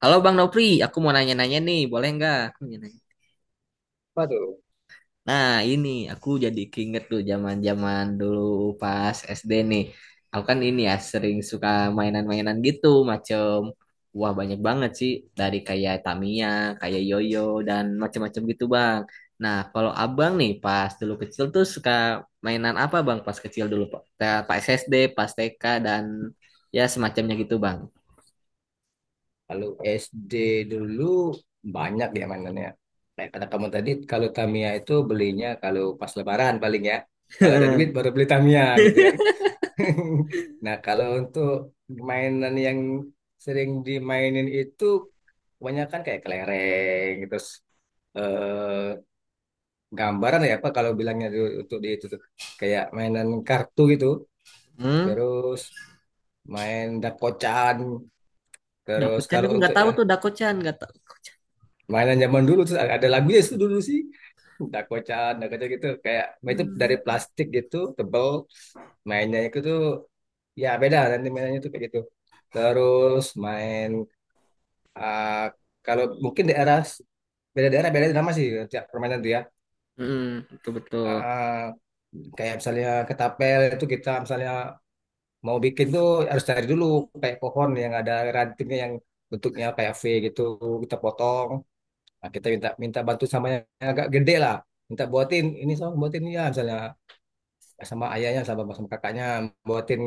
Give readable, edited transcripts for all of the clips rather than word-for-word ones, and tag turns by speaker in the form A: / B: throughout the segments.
A: Halo Bang Nopri, aku mau nanya-nanya nih, boleh nggak? Aku mau nanya.
B: Apa tuh?
A: Nah, ini aku jadi keinget tuh zaman-zaman dulu pas SD nih. Aku kan ini ya sering suka mainan-mainan gitu macem. Wah, banyak banget sih, dari kayak Tamiya, kayak Yoyo dan macam-macam gitu Bang. Nah, kalau Abang nih pas dulu kecil tuh suka mainan apa Bang pas kecil dulu Pak? Pas SD, pas TK dan ya semacamnya gitu Bang.
B: Kalau SD dulu banyak ya mainannya. Kayak kata kamu tadi, kalau Tamiya itu belinya kalau pas Lebaran paling ya. Kalau ada duit baru beli Tamiya gitu kan. Nah, kalau untuk mainan yang sering dimainin itu kebanyakan kayak kelereng, terus eh, gambaran ya apa kalau bilangnya dulu untuk di itu tuh. Kayak mainan kartu gitu,
A: Hmm,
B: terus main dakocan, terus
A: Dakuchan aku
B: kalau
A: nggak
B: untuk
A: tahu
B: ya
A: tuh, Dakuchan nggak tahu.
B: mainan zaman dulu terus ada lagunya itu dulu sih dakocan dakocan gitu kayak itu dari
A: Hmm.
B: plastik gitu tebel mainnya itu tuh ya beda nanti mainannya tuh kayak gitu terus main ah, kalau mungkin daerah beda nama sih tiap permainan tuh ya.
A: Mm, betul betul.
B: Ah, Kayak misalnya ketapel itu kita misalnya mau bikin tuh harus cari dulu kayak pohon yang ada rantingnya yang bentuknya kayak V gitu kita potong. Nah, kita minta minta bantu sama yang agak gede lah. Minta buatin ini sama buatin ya misalnya sama ayahnya sama sama kakaknya buatin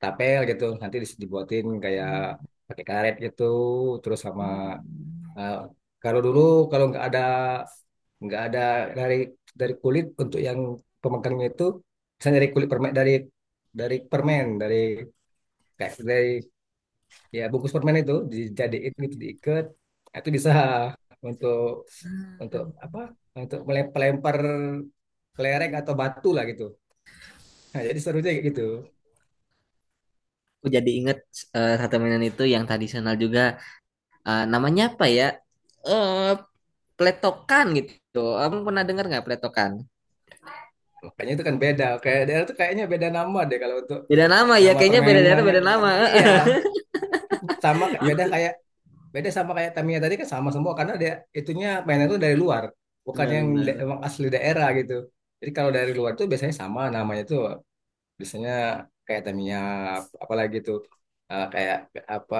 B: tapi nanti dibuatin kayak pakai karet gitu terus sama
A: Hmm.
B: eh, kalau dulu kalau nggak ada dari dari kulit untuk yang pemegangnya itu misalnya dari kulit permen dari permen dari kayak dari ya bungkus permen itu dijadiin gitu diikat, nah, itu bisa untuk untuk apa untuk melempar kelereng atau batu lah gitu. Nah, jadi serunya kayak gitu.
A: Aku jadi inget satu mainan itu yang tadi saya juga, namanya ya platform pun ada kan.
B: Kayaknya kan beda kayak daerah tuh kayaknya beda nama deh kalau untuk
A: Beda nama ya,
B: nama
A: kayaknya beda daerah
B: permainan.
A: beda nama.
B: Iya, sama beda
A: Itu
B: kayak beda sama kayak Tamiya tadi kan sama semua karena dia itunya mainnya tuh dari luar bukan yang
A: benar-benar
B: emang asli daerah gitu. Jadi kalau dari luar tuh biasanya sama namanya tuh biasanya kayak Tamiya. Apalagi tuh kayak apa?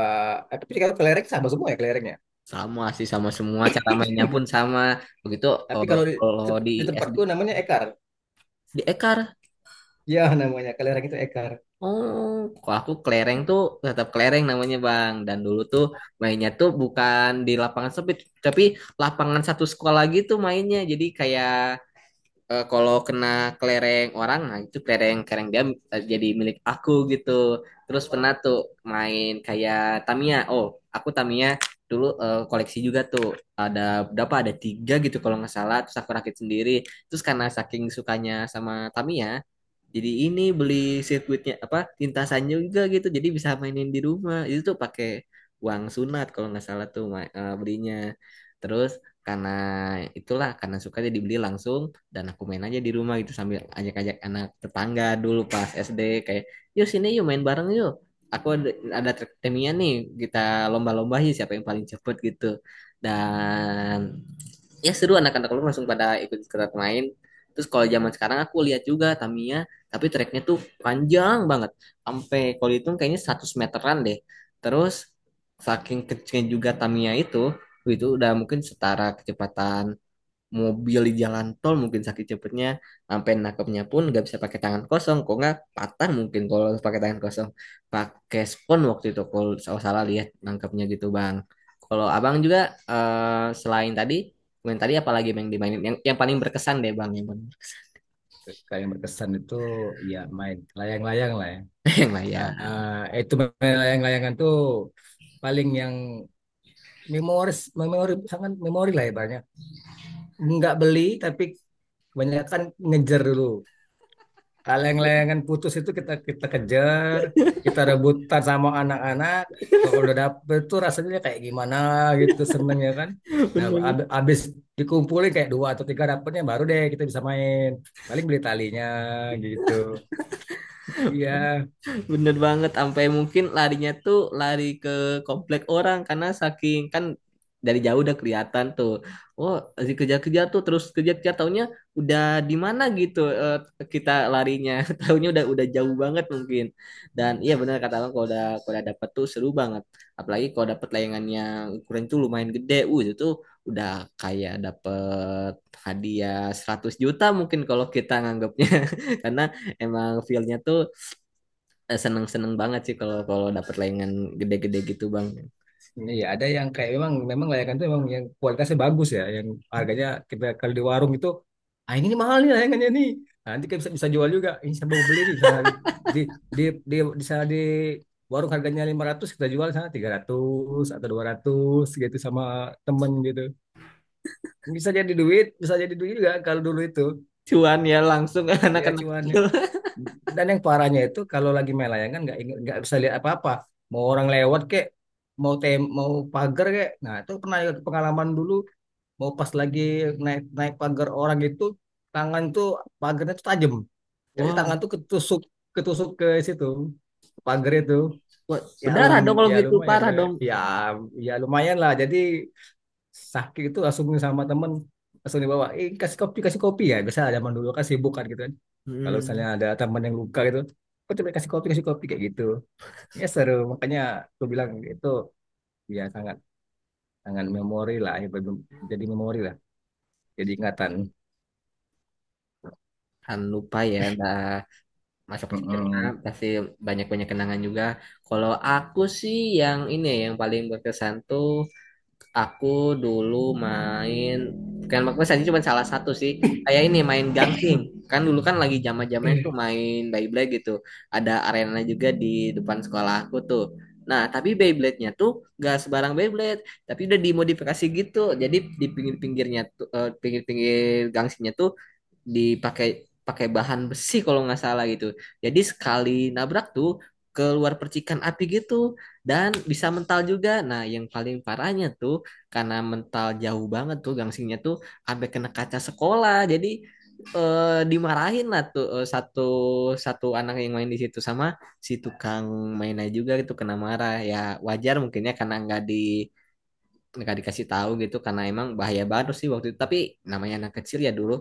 B: Tapi kalau kelereng sama semua ya kelereng ya.
A: sama sih, sama semua, cara mainnya pun sama. Begitu.
B: Tapi kalau di,
A: Kalau di
B: di
A: SD
B: tempatku namanya ekar.
A: di Ekar.
B: Ya, namanya kelereng itu ekar.
A: Oh, kalau aku kelereng tuh tetap kelereng namanya Bang. Dan dulu tuh mainnya tuh bukan di lapangan sempit, tapi lapangan satu sekolah gitu mainnya. Jadi kayak, kalau kena kelereng orang, nah itu kelereng kelereng dia, jadi milik aku gitu. Terus pernah tuh main kayak Tamiya. Oh, aku Tamiya dulu koleksi juga tuh. Ada berapa? Ada tiga gitu kalau nggak salah. Terus aku rakit sendiri. Terus karena saking sukanya sama Tamiya, jadi ini beli sirkuitnya apa lintasannya juga gitu. Jadi bisa mainin di rumah. Itu tuh pakai uang sunat kalau nggak salah tuh belinya. Terus karena itulah, karena suka jadi beli langsung, dan aku main aja di rumah gitu sambil ajak-ajak anak tetangga dulu pas SD kayak, yuk sini yuk main bareng yuk, aku ada track timnya nih, kita lomba-lomba sih siapa yang paling cepet gitu. Dan ya seru, anak-anak lu langsung pada ikut ikutan main. Terus kalau zaman sekarang aku lihat juga Tamiya, tapi treknya tuh panjang banget, sampai kalau dihitung kayaknya 100 meteran deh. Terus saking kecilnya juga Tamiya itu udah mungkin setara kecepatan mobil di jalan tol mungkin, sakit cepetnya, sampai nangkepnya pun nggak bisa pakai tangan kosong, kok nggak patah mungkin kalau pakai tangan kosong. Pakai spons waktu itu kalau salah salah lihat nangkepnya gitu bang. Kalau abang juga, selain tadi main tadi apalagi yang dimainin, yang paling berkesan deh bang, yang paling…
B: Kayak yang berkesan itu ya main layang-layang lah ya.
A: yang lah ya.
B: Ah, itu main layang-layangan tuh paling yang memori sangat memori lah ya banyak. Nggak beli tapi kebanyakan ngejar dulu. Leng-lengan putus itu kita kita kejar, kita rebutan sama anak-anak. Kalau udah dapet tuh rasanya kayak gimana gitu seneng ya kan. Nah,
A: Bener.
B: abis dikumpulin kayak dua atau tiga dapetnya baru deh kita bisa main. Paling beli talinya gitu. Iya.
A: Bener banget, sampai mungkin larinya tuh lari ke komplek orang, karena saking kan dari jauh udah kelihatan tuh. Oh, masih kejar-kejar tuh terus kejar-kejar, taunya udah di mana gitu kita larinya. Taunya udah jauh banget mungkin. Dan iya, bener kata lo, kalau udah dapet tuh seru banget. Apalagi kalau dapet layangan yang ukuran tuh lumayan gede. Itu tuh udah kayak dapet hadiah 100 juta mungkin kalau kita nganggapnya, karena emang feel-nya tuh, seneng-seneng banget sih kalau kalau dapat layangan gede-gede gitu bang.
B: Iya, ada yang kayak memang memang layangan itu memang yang kualitasnya bagus ya, yang harganya kita kalau di warung itu, ah, ini mahal nih layangannya nih. Nah, nanti kita bisa bisa jual juga, ini saya mau beli nih misalnya di di di di sana di warung harganya 500 kita jual di sana 300 atau 200 gitu sama temen gitu. Bisa jadi duit juga kalau dulu itu.
A: Cuan ya langsung
B: Ya
A: anak-anak
B: cuman
A: kecil.
B: dan yang parahnya itu kalau lagi main layangan nggak bisa lihat apa-apa. Mau orang lewat kek, mau mau pagar kek. Nah, itu pernah juga pengalaman dulu. Mau pas lagi naik naik pagar orang itu, tangan tuh pagarnya tuh tajam. Jadi
A: Wah.
B: tangan tuh ketusuk ketusuk ke situ pagar itu.
A: Wah,
B: Ya
A: berdarah
B: lum
A: dong kalau
B: ya
A: gitu,
B: lumayan
A: parah
B: deh.
A: dong.
B: Ya ya lumayan lah. Jadi sakit itu langsung sama temen langsung dibawa, kasih kopi ya biasa zaman dulu kan sibuk kan gitu kan kalau misalnya
A: Hmm.
B: ada teman yang luka gitu kok coba kasih kopi kayak gitu ya seru makanya aku bilang itu ya sangat sangat memori lah ya, jadi memori lah, jadi ingatan.
A: Kan lupa ya. Nah, masa kecil
B: Mm-mm.
A: pasti banyak-banyak kenangan juga. Kalau aku sih yang ini ya, yang paling berkesan tuh, aku dulu main, bukan maksudnya tadi cuma salah satu sih. Kayak ini, main gangsing. Kan dulu kan lagi zaman-zamannya tuh main Beyblade gitu. Ada arena juga di depan sekolah aku tuh. Nah, tapi Beyblade-nya tuh gak sebarang Beyblade, tapi udah dimodifikasi gitu. Jadi di pinggir-pinggirnya tuh, pinggir-pinggir gangsingnya tuh dipakai pakai bahan besi kalau nggak salah gitu. Jadi sekali nabrak tuh keluar percikan api gitu, dan bisa mental juga. Nah, yang paling parahnya tuh, karena mental jauh banget tuh gangsinya tuh sampai kena kaca sekolah. Jadi dimarahin lah tuh, satu satu anak yang main di situ sama si tukang mainnya juga itu kena marah. Ya wajar mungkinnya karena nggak di, nggak dikasih tahu gitu, karena emang bahaya banget sih waktu itu. Tapi namanya anak kecil ya dulu,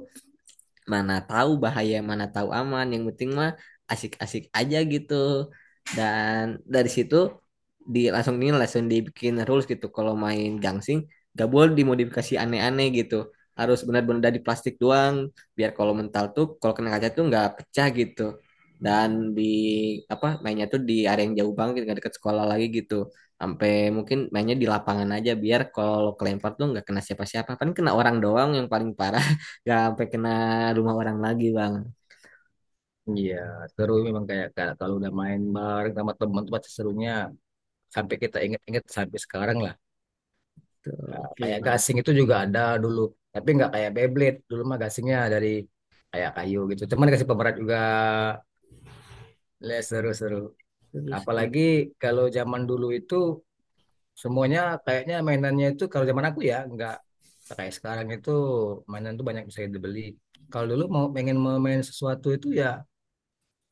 A: mana tahu bahaya, mana tahu aman. Yang penting mah asik-asik aja gitu. Dan dari situ di langsung ini langsung dibikin rules gitu. Kalau main gangsing gak boleh dimodifikasi aneh-aneh gitu. Harus benar-benar dari plastik doang. Biar kalau mental tuh, kalau kena kaca tuh nggak pecah gitu. Dan di apa mainnya tuh di area yang jauh banget, nggak deket sekolah lagi gitu. Sampai mungkin mainnya di lapangan aja biar kalau kelempar tuh nggak kena siapa-siapa. Paling kena orang doang yang paling parah. Gak sampai kena rumah orang lagi bang.
B: Iya seru memang kayak kayak kalau udah main bareng sama teman tuh pasti serunya sampai kita ingat-ingat sampai sekarang lah.
A: Tuh,
B: Nah,
A: oke
B: kayak
A: bang.
B: gasing itu juga ada dulu, tapi nggak kayak Beyblade. Dulu mah gasingnya dari kayak kayu gitu. Cuman dikasih pemerat juga. Ya, seru-seru.
A: Terus
B: Apalagi kalau zaman dulu itu semuanya kayaknya mainannya itu kalau zaman aku ya nggak kayak sekarang itu mainan tuh banyak bisa dibeli. Kalau dulu mau pengen mau main sesuatu itu ya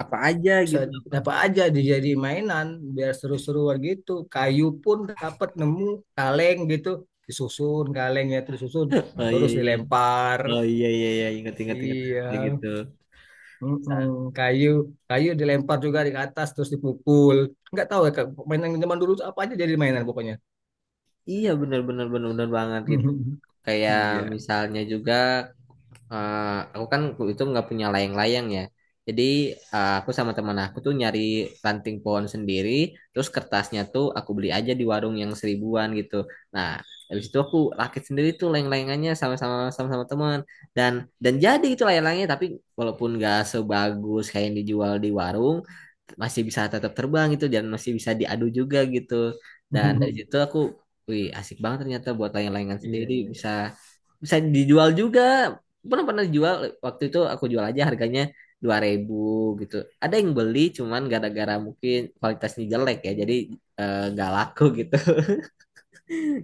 A: apa aja
B: bisa
A: gitu?
B: dapat aja dijadi mainan biar seru-seruan gitu kayu pun dapat nemu kaleng gitu disusun kalengnya terus susun
A: Oh iya
B: terus
A: iya.
B: dilempar.
A: Oh iya iya iya. Ingat ingat ingat,
B: Iya.
A: kayak gitu. Sa-.
B: Mm-mm. Kayu kayu dilempar juga di atas terus dipukul. Nggak tahu ya Kak, mainan zaman dulu tuh apa aja jadi mainan pokoknya.
A: Iya, bener bener bener, bener banget gitu. Kayak
B: Iya.
A: misalnya juga, eh, aku kan itu nggak punya layang-layang ya. Jadi aku sama teman aku tuh nyari ranting pohon sendiri, terus kertasnya tuh aku beli aja di warung yang seribuan gitu. Nah, habis itu aku rakit sendiri tuh layang-layangannya sama-sama, sama-sama teman, dan dan jadi itu layang-layangnya. Tapi walaupun nggak sebagus kayak yang dijual di warung, masih bisa tetap terbang gitu, dan masih bisa diadu juga gitu. Dan dari situ aku, wih asik banget ternyata buat layang-layangan
B: Iya,
A: sendiri,
B: iya.
A: bisa bisa dijual juga. Pernah pernah dijual, waktu itu aku jual aja harganya 2.000 gitu. Ada yang beli, cuman gara-gara mungkin kualitasnya jelek ya jadi nggak laku gitu.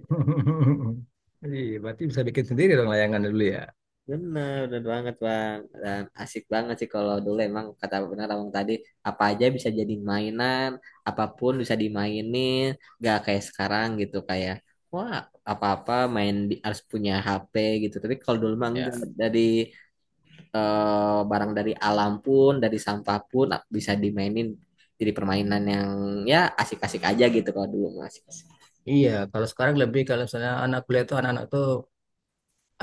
B: Iya, berarti bisa bikin sendiri dong layangan dulu ya.
A: Bener, bener banget bang, dan asik banget sih kalau dulu, emang kata benar abang tadi, apa aja bisa jadi mainan, apapun bisa dimainin, gak kayak sekarang gitu kayak, wah apa-apa main di, harus punya HP gitu. Tapi kalau dulu mah
B: Ya.
A: enggak, dari barang dari alam pun, dari sampah pun ah, bisa dimainin, jadi permainan yang ya asik-asik aja gitu. Kalau dulu mah asik-asik.
B: Iya, kalau sekarang lebih kalau misalnya anak kuliah tuh anak-anak tuh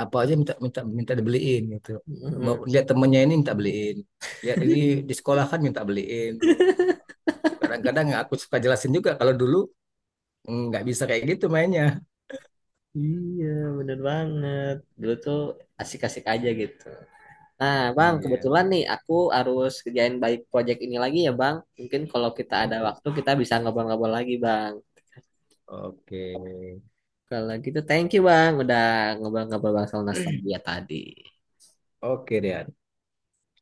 B: apa aja minta minta minta dibeliin gitu. Mau
A: Mm-mm.
B: lihat temennya ini minta beliin, lihat ini di sekolah kan minta beliin, kadang-kadang aku suka jelasin juga kalau dulu nggak bisa kayak gitu mainnya.
A: Iya, bener banget. Dulu tuh asik-asik aja gitu. Nah, Bang,
B: Iya.
A: kebetulan nih aku harus kerjain balik project ini lagi ya, Bang. Mungkin kalau kita ada
B: Oke,
A: waktu kita bisa ngobrol-ngobrol lagi, Bang.
B: oke.
A: Kalau gitu, thank you, Bang, udah ngobrol-ngobrol Bang soal nostalgia tadi.
B: Oke deh.